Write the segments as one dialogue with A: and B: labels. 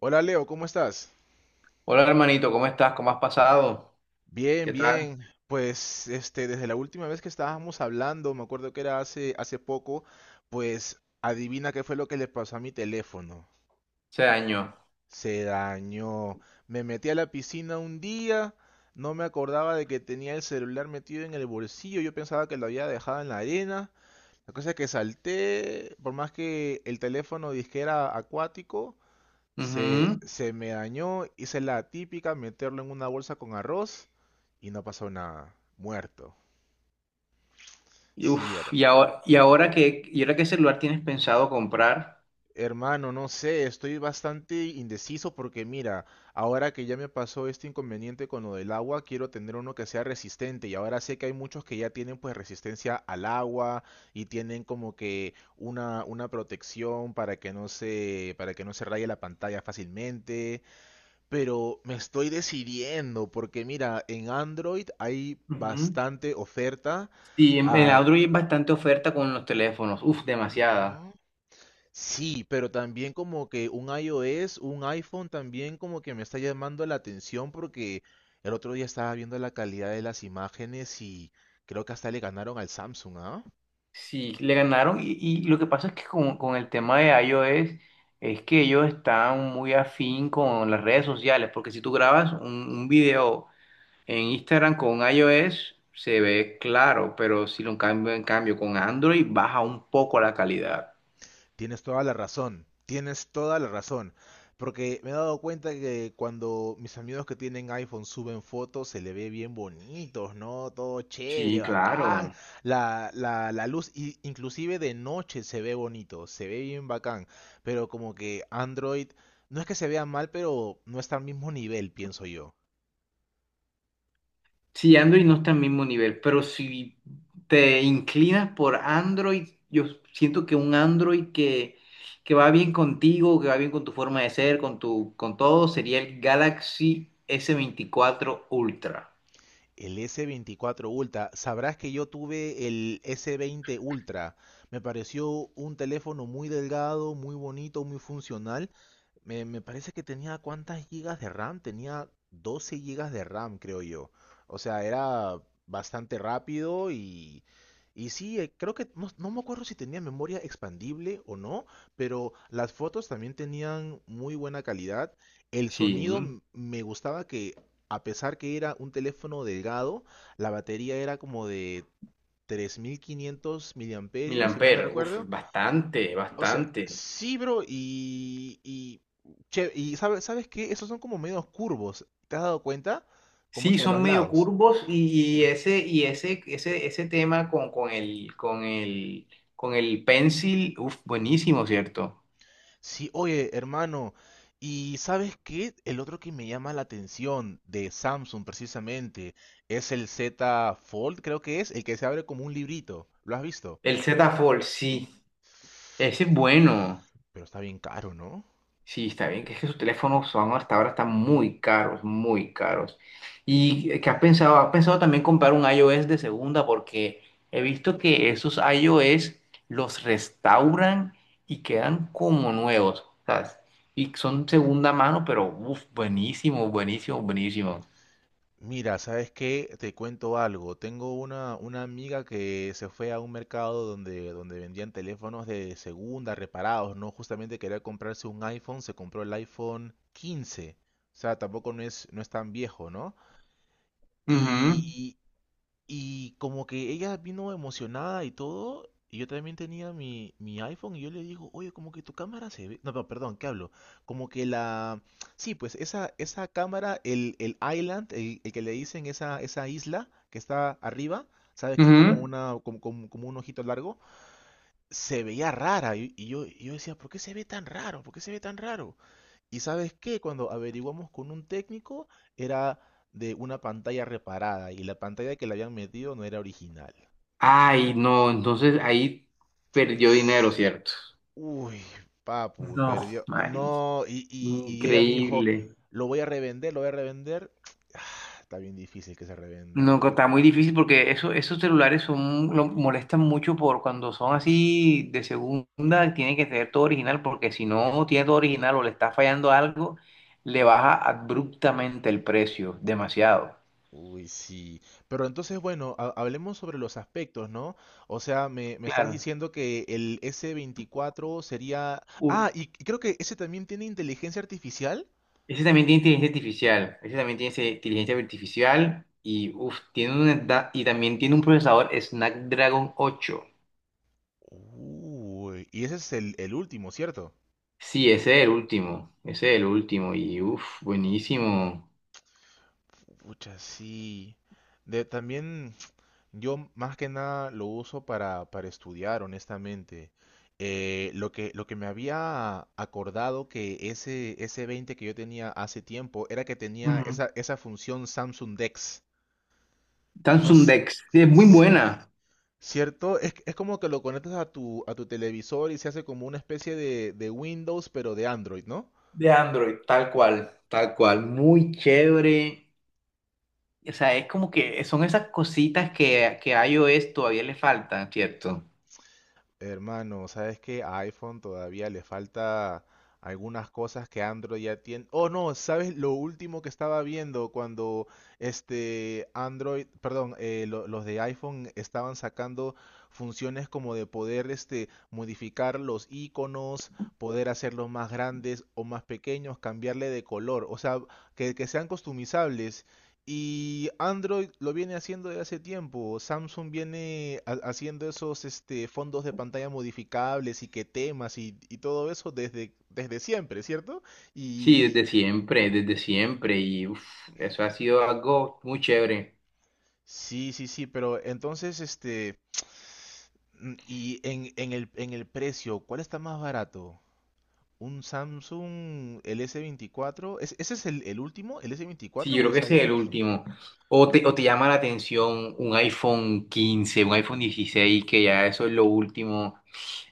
A: Hola Leo, ¿cómo estás?
B: Hola hermanito, ¿cómo estás? ¿Cómo has pasado?
A: Bien,
B: ¿Qué tal
A: bien. Pues desde la última vez que estábamos hablando, me acuerdo que era hace poco, pues adivina qué fue lo que le pasó a mi teléfono.
B: ese año?
A: Se dañó. Me metí a la piscina un día, no me acordaba de que tenía el celular metido en el bolsillo, yo pensaba que lo había dejado en la arena. La cosa es que salté, por más que el teléfono disque era acuático. Se,
B: Ujú.
A: se me dañó, hice la típica, meterlo en una bolsa con arroz y no pasó nada. Muerto. Sí,
B: Y
A: hermano.
B: ahora, ¿y ahora qué celular tienes pensado comprar?
A: Hermano, no sé, estoy bastante indeciso porque mira, ahora que ya me pasó este inconveniente con lo del agua, quiero tener uno que sea resistente y ahora sé que hay muchos que ya tienen pues resistencia al agua y tienen como que una protección para que no se raye la pantalla fácilmente. Pero me estoy decidiendo porque mira, en Android hay
B: Ujú.
A: bastante oferta.
B: Sí, en
A: Ah,
B: Android hay bastante oferta con los teléfonos, uf, demasiada.
A: ¿no? Sí, pero también como que un iOS, un iPhone también como que me está llamando la atención porque el otro día estaba viendo la calidad de las imágenes y creo que hasta le ganaron al Samsung, ¿ah?
B: Sí, le ganaron y lo que pasa es que con el tema de iOS es que ellos están muy afín con las redes sociales, porque si tú grabas un video en Instagram con iOS se ve claro, pero si lo cambio en cambio con Android baja un poco la calidad.
A: Tienes toda la razón, tienes toda la razón. Porque me he dado cuenta que cuando mis amigos que tienen iPhone suben fotos, se le ve bien bonitos, ¿no? Todo chévere,
B: Sí,
A: bacán.
B: claro.
A: La luz, inclusive de noche se ve bonito, se ve bien bacán. Pero como que Android, no es que se vea mal, pero no está al mismo nivel, pienso yo.
B: Sí, Android no está al mismo nivel, pero si te inclinas por Android, yo siento que un Android que va bien contigo, que va bien con tu forma de ser, con tu, con todo, sería el Galaxy S24 Ultra.
A: El S24 Ultra, sabrás que yo tuve el S20 Ultra. Me pareció un teléfono muy delgado, muy bonito, muy funcional. Me parece que tenía cuántas gigas de RAM, tenía 12 gigas de RAM, creo yo. O sea, era bastante rápido y, y sí, creo que no, no me acuerdo si tenía memoria expandible o no, pero las fotos también tenían muy buena calidad. El
B: Sí,
A: sonido me gustaba que, a pesar que era un teléfono delgado, la batería era como de 3500
B: mil
A: miliamperios, si mal no
B: amperes, uf,
A: recuerdo.
B: bastante,
A: O sea,
B: bastante.
A: sí, bro, y, ¿sabes qué? Esos son como medios curvos, ¿te has dado cuenta? Como
B: Sí,
A: que a los
B: son medio
A: lados.
B: curvos y ese, y ese tema con, con el pencil, uf, buenísimo, ¿cierto?
A: Sí, oye, hermano, y ¿sabes qué? El otro que me llama la atención de Samsung precisamente es el Z Fold, creo que es, el que se abre como un librito. ¿Lo has visto?
B: El Z Fold, sí, ese es bueno.
A: Pero está bien caro, ¿no?
B: Sí, está bien, que es que sus teléfonos son hasta ahora están muy caros, muy caros. ¿Y qué has pensado? ¿Has pensado también comprar un iOS de segunda? Porque he visto que esos iOS los restauran y quedan como nuevos, ¿sabes? Y son segunda mano, pero uf, buenísimo, buenísimo, buenísimo.
A: Mira, ¿sabes qué? Te cuento algo. Tengo una amiga que se fue a un mercado donde vendían teléfonos de segunda, reparados, ¿no? Justamente quería comprarse un iPhone, se compró el iPhone 15. O sea, tampoco no es tan viejo, ¿no?
B: Ujú,
A: Y y como que ella vino emocionada y todo, y yo también tenía mi iPhone y yo le digo, oye, como que tu cámara se ve... No, no, perdón, ¿qué hablo? Como que la... Sí, pues esa cámara, el island, el que le dicen esa isla que está arriba, ¿sabes? Que es como
B: ujú.
A: como un ojito largo, se veía rara. Y yo decía, ¿por qué se ve tan raro? ¿Por qué se ve tan raro? Y sabes qué, cuando averiguamos con un técnico, era de una pantalla reparada y la pantalla que le habían metido no era original.
B: Ay, no, entonces ahí perdió dinero,
A: S-
B: ¿cierto?
A: Uy, papu,
B: No,
A: perdió.
B: Mari,
A: No, y ella me dijo,
B: increíble.
A: lo voy a revender, lo voy a revender. Ah, está bien difícil que se revenda un
B: No, que está
A: teléfono
B: muy
A: así.
B: difícil porque eso, esos celulares son, lo molestan mucho por cuando son así de segunda, tiene que tener todo original porque si no tiene todo original o le está fallando algo, le baja abruptamente el precio, demasiado.
A: Uy, sí. Pero entonces, bueno, hablemos sobre los aspectos, ¿no? O sea, me estás
B: Claro.
A: diciendo que el S24 sería...
B: Uf,
A: Ah, y creo que ese también tiene inteligencia artificial.
B: ese también tiene inteligencia artificial, ese también tiene inteligencia artificial y uf, tiene y también tiene un procesador Snapdragon 8.
A: Uy, y ese es el último, ¿cierto?
B: Sí, ese es el último, ese es el último y uff, buenísimo.
A: Pucha, sí. También yo más que nada lo uso para estudiar, honestamente. Lo que me había acordado que ese 20 que yo tenía hace tiempo era que tenía esa función Samsung Dex. No,
B: Samsung Dex, sí, es muy
A: sí,
B: buena.
A: ¿cierto? Es como que lo conectas a tu televisor y se hace como una especie de Windows, pero de Android, ¿no?
B: De Android, tal cual. Tal cual, muy chévere. O sea, es como que son esas cositas que a iOS todavía le faltan, ¿cierto?
A: Hermano, ¿sabes qué? A iPhone todavía le falta algunas cosas que Android ya tiene. Oh, no, ¿sabes lo último que estaba viendo cuando este Android, perdón, los de iPhone estaban sacando funciones como de poder modificar los iconos, poder hacerlos más grandes o más pequeños, cambiarle de color, o sea, que sean customizables y Android lo viene haciendo desde hace tiempo. Samsung viene haciendo esos fondos de pantalla modificables y que temas y todo eso desde siempre, ¿cierto?
B: Sí,
A: Y
B: desde siempre, desde siempre. Y uf, eso ha sido algo muy chévere.
A: sí, sí, sí, pero entonces, y en el precio, ¿cuál está más barato? ¿Un Samsung el S24? ¿Ese es el último? ¿El
B: Sí,
A: S24
B: yo
A: o
B: creo
A: es
B: que ese
A: iOS
B: es el
A: 25?
B: último. O te llama la atención un iPhone 15, un iPhone 16 que ya eso es lo último.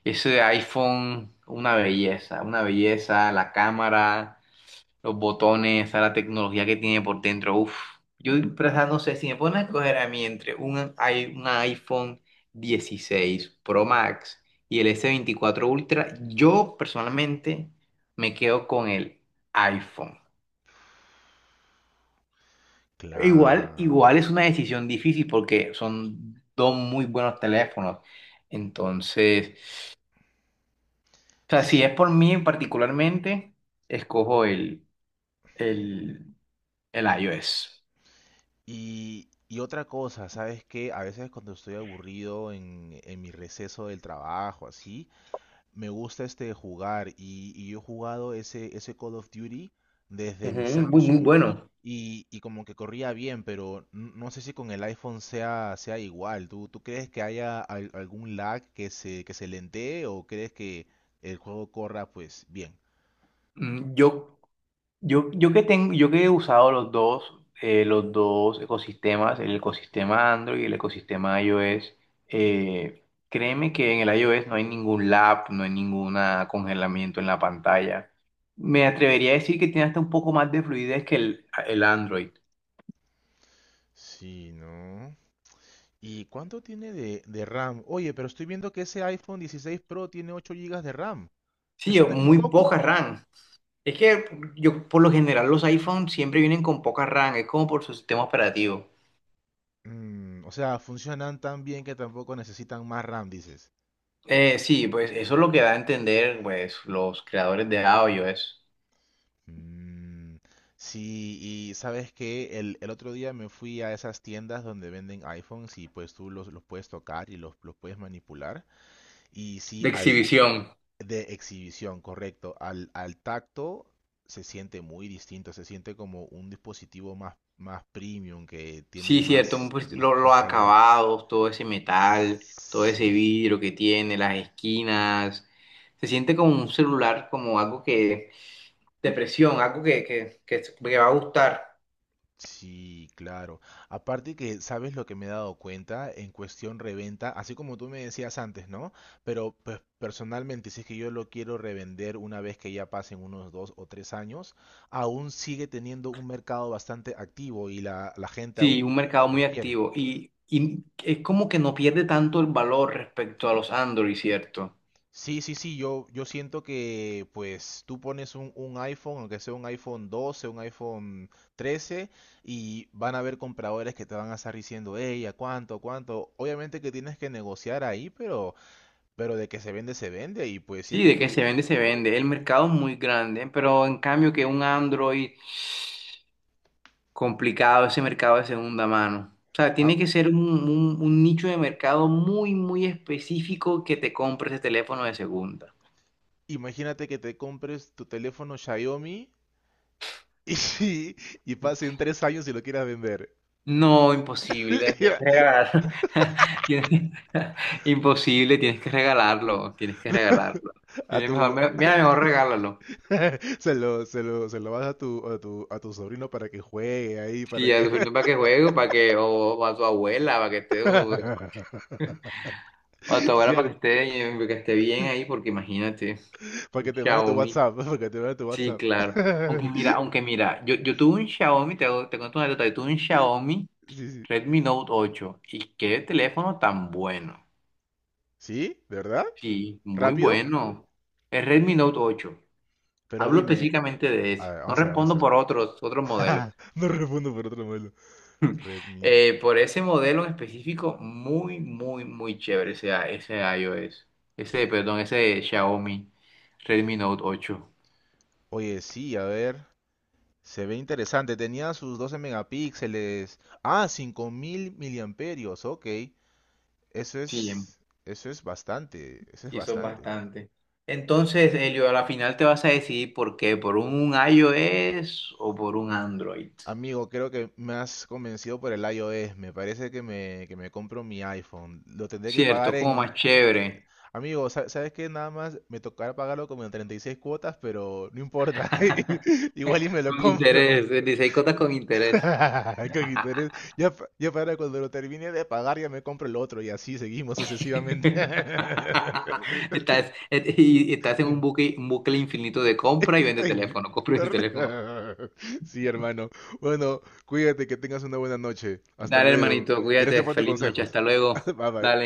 B: Ese iPhone, una belleza, la cámara. Los botones, a la tecnología que tiene por dentro. Uf, yo en verdad no sé si me ponen a escoger a mí entre un iPhone 16 Pro Max y el S24 Ultra, yo personalmente me quedo con el iPhone. Igual,
A: Claro.
B: igual es una decisión difícil porque son dos muy buenos teléfonos. Entonces, o sea, si
A: Sí.
B: es por mí particularmente, escojo el, el iOS.
A: Y otra cosa, ¿sabes qué? A veces cuando estoy aburrido en mi receso del trabajo, así, me gusta jugar y yo he jugado ese Call of Duty desde
B: Ujú,
A: mi
B: muy, muy
A: Samsung
B: bueno.
A: y como que corría bien, pero no sé si con el iPhone sea igual. ¿Tú crees que haya algún lag que se lentee o crees que el juego corra pues bien?
B: Mm, yo que tengo, yo que he usado los dos ecosistemas, el ecosistema Android y el ecosistema iOS, créeme que en el iOS no hay ningún lag, no hay ningún congelamiento en la pantalla. Me atrevería a decir que tiene hasta un poco más de fluidez que el Android.
A: Sí, ¿no? ¿Y cuánto tiene de RAM? Oye, pero estoy viendo que ese iPhone 16 Pro tiene 8 gigas de RAM.
B: Sí,
A: ¿Eso no
B: o
A: es muy
B: muy
A: poco?
B: poca RAM. Es que yo, por lo general, los iPhones siempre vienen con poca RAM, es como por su sistema operativo.
A: O sea, funcionan tan bien que tampoco necesitan más RAM, dices.
B: Sí, pues eso es lo que da a entender pues, los creadores de audio, es
A: Mm, sí, y sabes que el otro día me fui a esas tiendas donde venden iPhones y pues tú los puedes tocar y los puedes manipular. Y sí,
B: de exhibición.
A: de exhibición, correcto. Al tacto se siente muy distinto, se siente como un dispositivo más, más premium que tiene
B: Sí, cierto, un
A: más,
B: pues,
A: más,
B: los
A: más calidad.
B: acabados, todo ese metal, todo
A: Sí,
B: ese vidrio que tiene, las esquinas. Se siente como un celular, como algo que, de presión, algo que va a gustar.
A: sí, claro. Aparte que, ¿sabes lo que me he dado cuenta? En cuestión reventa, así como tú me decías antes, ¿no? Pero pues personalmente, si es que yo lo quiero revender una vez que ya pasen unos 2 o 3 años, aún sigue teniendo un mercado bastante activo y la gente
B: Sí,
A: aún
B: un mercado muy
A: los quiere.
B: activo. Y es como que no pierde tanto el valor respecto a los Android, ¿cierto?
A: Sí, sí, sí, yo siento que pues tú pones un iPhone, aunque sea un iPhone 12, un iPhone 13, y van a haber compradores que te van a estar diciendo, hey, ¿a cuánto, a cuánto? Obviamente que tienes que negociar ahí, pero de que se vende, y pues si es
B: Sí,
A: que
B: de que se
A: tú,
B: vende, se
A: ¿no?
B: vende. El mercado es muy grande, pero en cambio que un Android. Complicado ese mercado de segunda mano. O sea,
A: Ah,
B: tiene que ser un nicho de mercado muy, muy específico que te compre ese teléfono de segunda.
A: imagínate que te compres tu teléfono Xiaomi y, y pasen 3 años y lo quieras vender.
B: No, imposible, tienes que regalarlo. Tienes- Imposible, tienes que regalarlo, tienes que regalarlo.
A: A
B: Tienes mejor,
A: tu,
B: mira, mejor regálalo.
A: Se lo vas a tu sobrino para que juegue ahí, para
B: Sí, a
A: que...
B: tu sobrino para que juegue, para que, o a tu abuela, para que esté, o a tu abuela para
A: Cierto,
B: que esté bien ahí, porque imagínate,
A: para que
B: un
A: te mande tu
B: Xiaomi.
A: WhatsApp, para que te mande tu
B: Sí,
A: WhatsApp.
B: claro. Aunque mira, yo tuve un Xiaomi, te cuento una anécdota, yo tuve un Xiaomi
A: Sí, sí.
B: Redmi Note 8 y qué teléfono tan bueno.
A: ¿Sí? ¿De verdad?
B: Sí, muy
A: ¿Rápido?
B: bueno. El Redmi Note 8.
A: Pero
B: Hablo
A: dime...
B: específicamente de
A: A ver,
B: ese. No
A: vamos a ver, vamos
B: respondo
A: a ver.
B: por otros, otros modelos.
A: No respondo por otro modelo. Redmi
B: Por
A: 8.
B: ese modelo en específico, muy, muy, muy chévere ese, ese iOS. Ese, perdón, ese Xiaomi Redmi Note 8.
A: Oye, sí, a ver. Se ve interesante. Tenía sus 12 megapíxeles. Ah, 5000 miliamperios. Ok. Eso
B: Sí,
A: es, eso es bastante, eso es
B: sí, eso es
A: bastante.
B: bastante. Entonces, Elio, a la final te vas a decidir por qué, por un iOS o por un Android.
A: Amigo, creo que me has convencido por el iOS. Me parece que que me compro mi iPhone. Lo tendré que pagar
B: Cierto, como más
A: en...
B: chévere.
A: Amigo, ¿sabes qué? Nada más me tocará pagarlo como en 36 cuotas, pero no importa. Igual y me lo
B: Con
A: compro.
B: interés, dice, hay cosas con interés.
A: Coquito, eres- Ya, ya para cuando lo termine de pagar, ya me compro el otro y así seguimos sucesivamente.
B: Estás, y estás en un bucle infinito de compra y vende
A: Ay,
B: teléfono, compra y vende teléfono.
A: torneo. Sí, hermano. Bueno, cuídate, que tengas una buena noche. Hasta
B: Dale,
A: luego.
B: hermanito,
A: Gracias
B: cuídate,
A: por tus
B: feliz noche,
A: consejos.
B: hasta luego.
A: Bye bye.
B: Dale.